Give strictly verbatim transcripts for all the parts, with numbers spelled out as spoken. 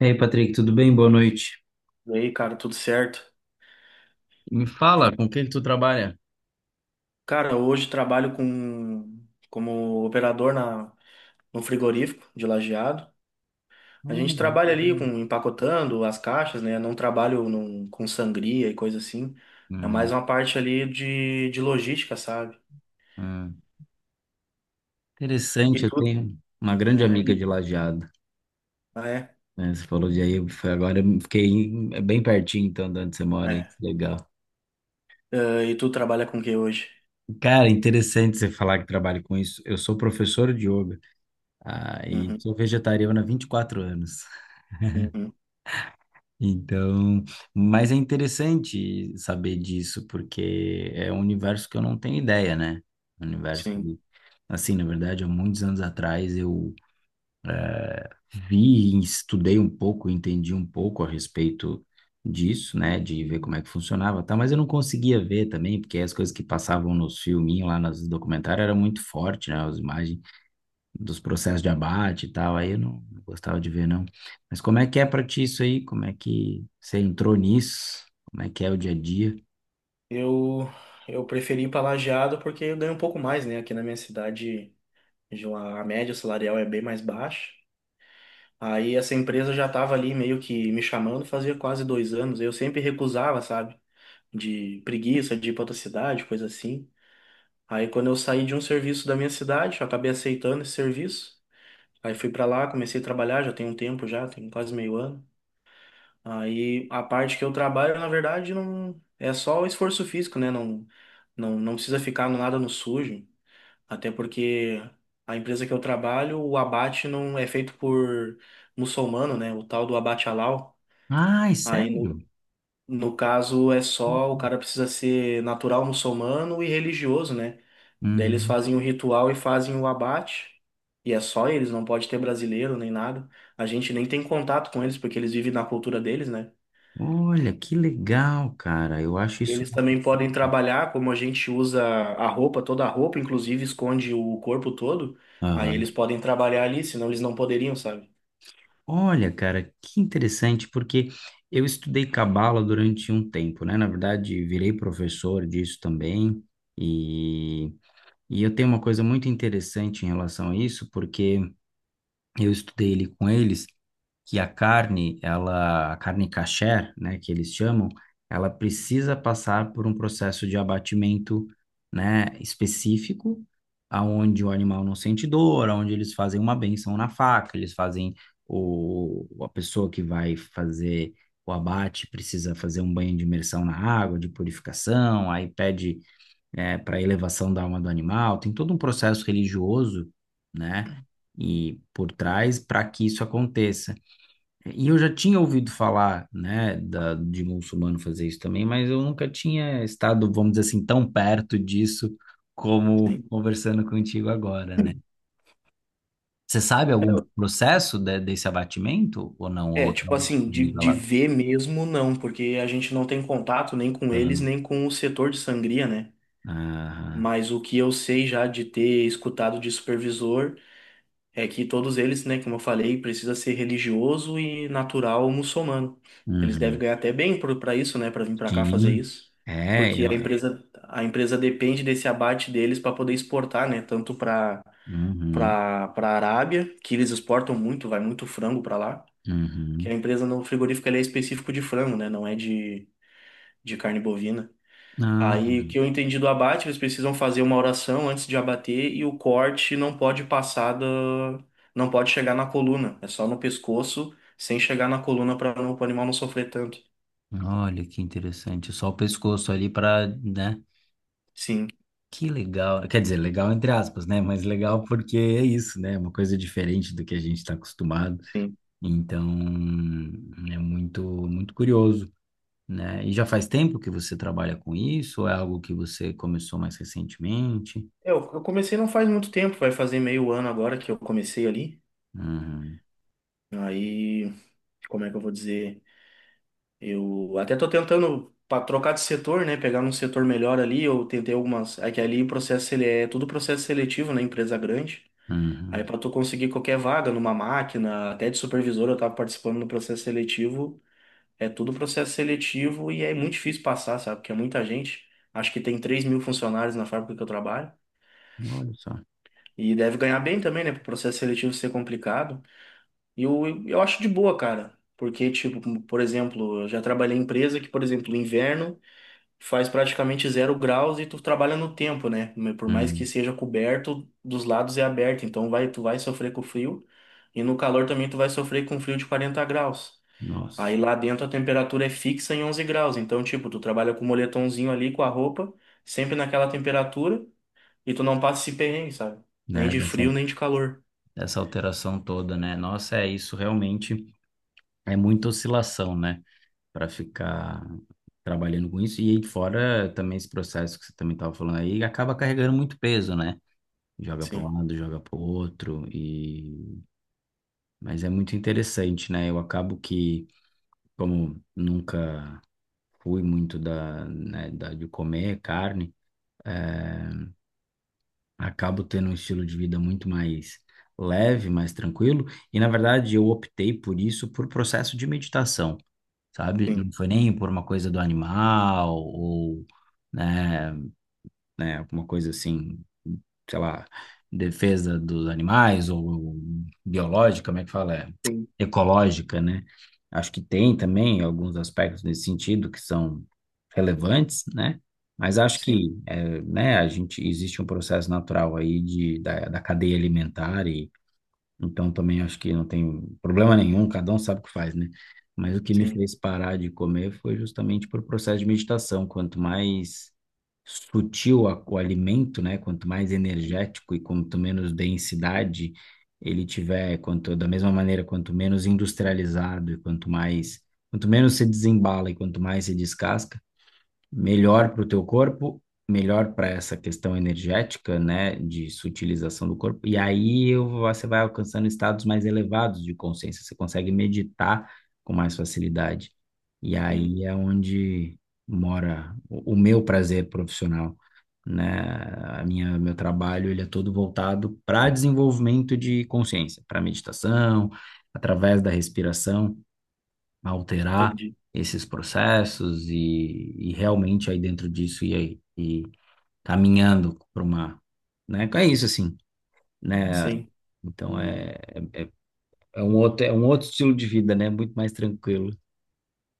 E aí, Patrick, tudo bem? Boa noite. E aí, cara, tudo certo? Me fala, com quem tu trabalha? Cara, hoje trabalho com como operador na no frigorífico de Lajeado. A Olha, gente trabalha ali legal. com empacotando as caixas, né? Não trabalho num- com sangria e coisa assim. É Hum, mais uma parte ali de, de logística, sabe? hum. Interessante, E eu tudo, tenho uma grande né? amiga de E, Lajeado, ah, é, né? Você falou de aí, foi agora eu fiquei em- é bem pertinho, então, de onde você mora aí. é. Legal. Ah, e tu trabalha com o que hoje? Cara, interessante você falar que trabalha com isso. Eu sou professor de yoga, ah, e Uhum, sou vegetariano há vinte e quatro anos. uhum, Então, mas é interessante saber disso, porque é um universo que eu não tenho ideia, né? Um universo sim. que, assim, na verdade, há muitos anos atrás eu vi, e estudei um pouco, entendi um pouco a respeito disso, né? De ver como é que funcionava, tá? Mas eu não conseguia ver também, porque as coisas que passavam nos filminhos lá, nos documentários, era muito forte, né? As imagens dos processos de abate e tal, aí eu não, não gostava de ver, não. Mas como é que é pra ti isso aí? Como é que você entrou nisso? Como é que é o dia a dia? Eu eu preferi ir para Lajeado porque eu ganho um pouco mais, né? Aqui na minha cidade, a média salarial é bem mais baixa. Aí essa empresa já estava ali meio que me chamando fazia quase dois anos. Eu sempre recusava, sabe? De preguiça, de ir pra outra cidade, coisa assim. Aí quando eu saí de um serviço da minha cidade, eu acabei aceitando esse serviço. Aí fui pra lá, comecei a trabalhar, já tem um tempo já, tem quase meio ano. Aí a parte que eu trabalho, na verdade, não é só o esforço físico, né? Não, não, não precisa ficar no nada no sujo. Até porque a empresa que eu trabalho, o abate não é feito por muçulmano, né? O tal do abate halal. Ai, Aí, no, sério? no caso, é só o cara precisa ser natural muçulmano e religioso, né? Daí eles Uhum. fazem o ritual e fazem o abate. E é só eles, não pode ter brasileiro nem nada. A gente nem tem contato com eles, porque eles vivem na cultura deles, né? Olha, que legal, cara. Eu acho E isso. eles também podem trabalhar, como a gente usa a roupa, toda a roupa, inclusive esconde o corpo todo. Aí eles Aham. podem trabalhar ali, senão eles não poderiam, sabe? Olha, cara, que interessante, porque eu estudei cabala durante um tempo, né? Na verdade, virei professor disso também. E, e eu tenho uma coisa muito interessante em relação a isso, porque eu estudei ele com eles. Que a carne, ela, a carne kasher, né, que eles chamam, ela precisa passar por um processo de abatimento, né, específico, aonde o animal não sente dor, aonde eles fazem uma benção na faca, eles fazem o, a pessoa que vai fazer o abate precisa fazer um banho de imersão na água, de purificação, aí pede é, para elevação da alma do animal, tem todo um processo religioso, né, e por trás para que isso aconteça. E eu já tinha ouvido falar, né, da, de muçulmano fazer isso também, mas eu nunca tinha estado, vamos dizer assim, tão perto disso como Sim. conversando contigo agora, né? Você sabe algum processo de- desse abatimento ou não? Ou É, é tipo realmente assim, de, de nivelado? ver mesmo não, porque a gente não tem contato nem com eles, Aham, nem com o setor de sangria, né? aham, Mas o que eu sei já de ter escutado de supervisor é que todos eles, né, como eu falei, precisa ser religioso e natural muçulmano. Eles devem uhum. ganhar até bem por- pra isso, né? Pra vir pra cá fazer Sim, isso, é, porque a eu- empresa a empresa depende desse abate deles para poder exportar, né, tanto pra uhum, para para Arábia, que eles exportam muito, vai muito frango pra lá, que a uhum. empresa, no frigorífico, ele é específico de frango, né? Não é de, de carne bovina. Ah, Aí, o que eu entendi do abate, eles precisam fazer uma oração antes de abater e o corte não pode passar da, não pode chegar na coluna. É só no pescoço, sem chegar na coluna para o animal não sofrer tanto. olha que interessante. Só o pescoço ali para, né? Sim, Que legal. Quer dizer, legal entre aspas, né? Mas legal porque é isso, né? É uma coisa diferente do que a gente está acostumado. sim. Então, é muito, muito curioso, né? E já faz tempo que você trabalha com isso? Ou é algo que você começou mais recentemente? Eu, eu comecei não faz muito tempo, vai fazer meio ano agora que eu comecei ali. Uhum, Aí, como é que eu vou dizer? Eu até tô tentando para trocar de setor, né? Pegar um setor melhor ali. Eu tentei algumas. É que ali o processo ele é tudo processo seletivo, né? Empresa grande. Aí uhum. para tu conseguir qualquer vaga numa máquina, até de supervisor, eu tava participando do processo seletivo. É tudo processo seletivo e é muito difícil passar, sabe? Porque é muita gente. Acho que tem três mil funcionários na fábrica que eu trabalho. Olha só. E deve ganhar bem também, né? Pro processo seletivo ser complicado. E eu, eu acho de boa, cara. Porque, tipo, por exemplo, eu já trabalhei em empresa que, por exemplo, no inverno faz praticamente zero graus e tu trabalha no tempo, né? Por mais que Uhum. seja coberto, dos lados é aberto, então vai, tu vai sofrer com frio, e no calor também tu vai sofrer com frio de quarenta graus. Nossa, Aí lá dentro a temperatura é fixa em onze graus, então tipo, tu trabalha com o moletomzinho ali, com a roupa, sempre naquela temperatura e tu não passa esse perrengue, sabe? Nem né? de Dessa, frio, nem de calor. dessa alteração toda, né? Nossa, é isso realmente. É muita oscilação, né? Para ficar trabalhando com isso. E aí fora também esse processo que você também estava falando aí, acaba carregando muito peso, né? Joga para um Sim, lado, joga para o outro, e... mas é muito interessante, né? Eu acabo que, como nunca fui muito da, né, da, de comer carne, eh, acabo tendo um estilo de vida muito mais leve, mais tranquilo, e na verdade eu optei por isso por processo de meditação. Sabe? Não sim, foi nem por uma coisa do animal ou, né, né, alguma coisa assim, sei lá, defesa dos animais ou biológica, como é que fala? É, sim, ecológica, né? Acho que tem também alguns aspectos nesse sentido que são relevantes, né? Mas acho sim, que, é, né, a gente existe um processo natural aí de, da, da cadeia alimentar, então também acho que não tem problema nenhum, cada um sabe o que faz, né? Mas o que me sim, fez parar de comer foi justamente por processo de meditação. Quanto mais sutil a- o alimento, né? Quanto mais energético e quanto menos densidade ele tiver, quanto da mesma maneira, quanto menos industrializado e quanto mais, quanto menos se desembala e quanto mais se descasca, melhor para o teu corpo, melhor para essa questão energética, né, de sutilização do corpo. E aí eu- você vai alcançando estados mais elevados de consciência, você consegue meditar com mais facilidade. E sim, aí é onde mora o, o meu prazer profissional, né? A minha, meu trabalho, ele é todo voltado para desenvolvimento de consciência, para meditação, através da respiração alterar entendi. esses processos e, e realmente aí dentro disso e aí e caminhando para uma, né? É isso assim, né? Sim. Então é, é, é um outro é um outro estilo de vida, né? Muito mais tranquilo.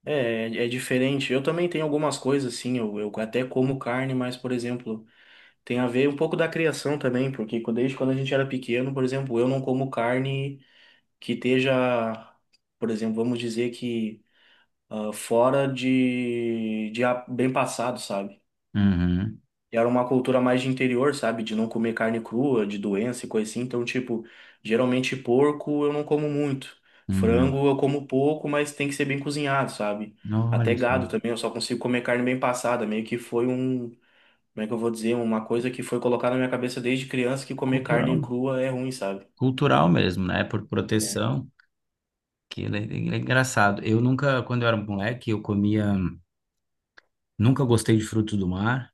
É, é é diferente. Eu também tenho algumas coisas, assim, eu, eu até como carne, mas, por exemplo, tem a ver um pouco da criação também, porque quando- desde quando a gente era pequeno, por exemplo, eu não como carne que esteja, por exemplo, vamos dizer que, ah, fora de, de a- bem passado, sabe? Uhum, E era uma cultura mais de interior, sabe? De não comer carne crua, de doença e coisa assim. Então, tipo, geralmente porco eu não como muito. uhum. Frango eu como pouco, mas tem que ser bem cozinhado, sabe? Até Olha só, gado também, eu só consigo comer carne bem passada. Meio que foi um, como é que eu vou dizer? Uma coisa que foi colocada na minha cabeça desde criança que comer carne cultural, crua é ruim, sabe? cultural mesmo, né? Por proteção. Que é, é engraçado. Eu nunca, quando eu era moleque, eu comia, nunca gostei de frutos do mar.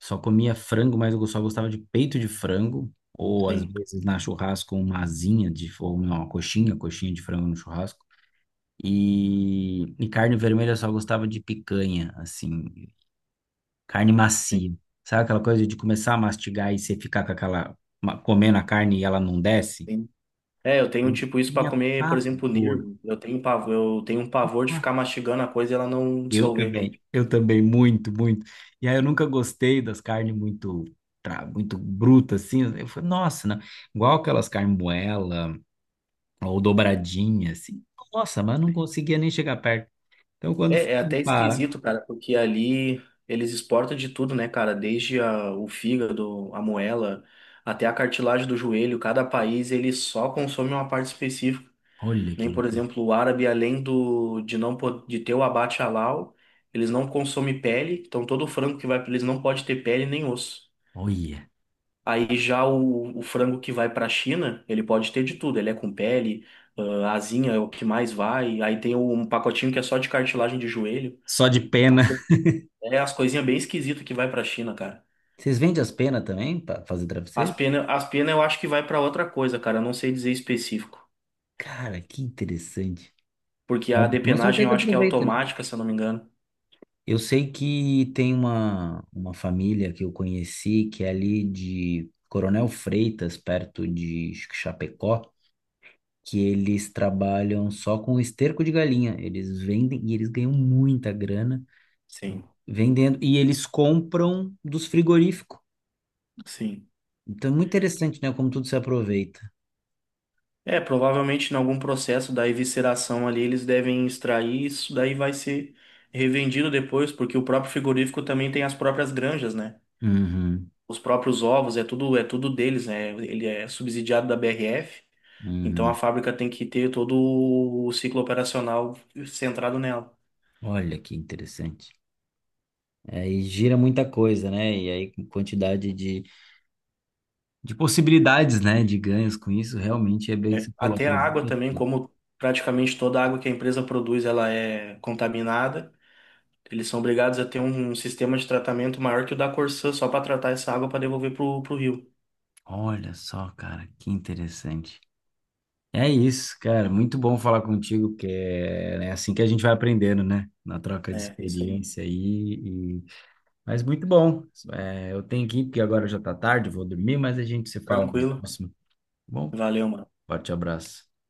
Só comia frango, mas eu só gostava de peito de frango, ou às Sim, vezes na churrasco uma asinha de, ou não, uma coxinha, coxinha de frango no churrasco. E, e carne vermelha eu só gostava de picanha, assim, carne sim, macia. Sabe aquela coisa de começar a mastigar e você ficar com aquela, ma- comendo a carne e ela não desce? sim. É, eu tenho Eu tipo isso pra tinha comer, por exemplo, pavor. nervo. Eu tenho pavor, eu tenho um pavor de ficar mastigando a coisa e ela não Eu dissolver. também, eu também, muito, muito. E aí eu nunca gostei das carnes muito, tra- muito brutas, assim. Eu falei, nossa, não. Igual aquelas carnes moela ou dobradinha, assim. Nossa, mas eu não conseguia nem chegar perto. Então quando fui É, é até para, esquisito, cara, porque ali eles exportam de tudo, né, cara? Desde a- o fígado, a moela, até a cartilagem do joelho. Cada país ele só consome uma parte específica. olha que Nem, por loucura, exemplo, o árabe, além do de não po- de ter o abate halal, eles não consomem pele. Então todo frango que vai para eles não pode ter pele nem osso. olha. Aí já o, o frango que vai para a China, ele pode ter de tudo. Ele é com pele, ah, asinha é o que mais vai. Aí tem um pacotinho que é só de cartilagem de joelho. Só de pena. É as coisinhas bem esquisitas que vai pra China, cara. Vocês vendem as penas também para fazer As travesseiro? penas, as pena eu acho que vai pra outra coisa, cara. Eu não sei dizer específico. Cara, que interessante. Porque a Com depenagem eu certeza acho que é aproveita, né? automática, se eu não me engano. Eu sei que tem uma, uma família que eu conheci, que é ali de Coronel Freitas, perto de acho que Chapecó, que eles trabalham só com esterco de galinha. Eles vendem e eles ganham muita grana Sim, vendendo, e eles compram dos frigoríficos. sim. Então é muito interessante, né? Como tudo se aproveita. É, provavelmente em algum processo da evisceração ali eles devem extrair isso, daí vai ser revendido depois, porque o próprio frigorífico também tem as próprias granjas, né? Uhum, Os próprios ovos, é tudo, é tudo deles, né? Ele é subsidiado da B R F, então a uhum. fábrica tem que ter todo o ciclo operacional centrado nela. Olha que interessante. Aí gira muita coisa, né? E aí quantidade de de possibilidades, né, de ganhos com isso, realmente é bem que É, você falou, até a água aproveita também, tudo. como praticamente toda a água que a empresa produz, ela é contaminada. Eles são obrigados a ter um sistema de tratamento maior que o da Corsã só para tratar essa água para devolver pro, pro rio, Olha só, cara, que interessante. É isso, cara, muito bom falar contigo, que é, né, assim que a gente vai aprendendo, né, na troca de né? É isso aí. experiência aí, e... mas muito bom. É, eu tenho que ir, porque agora já tá tarde, vou dormir, mas a gente se fala no Tranquilo. próximo. Tá bom, Valeu, mano. forte abraço.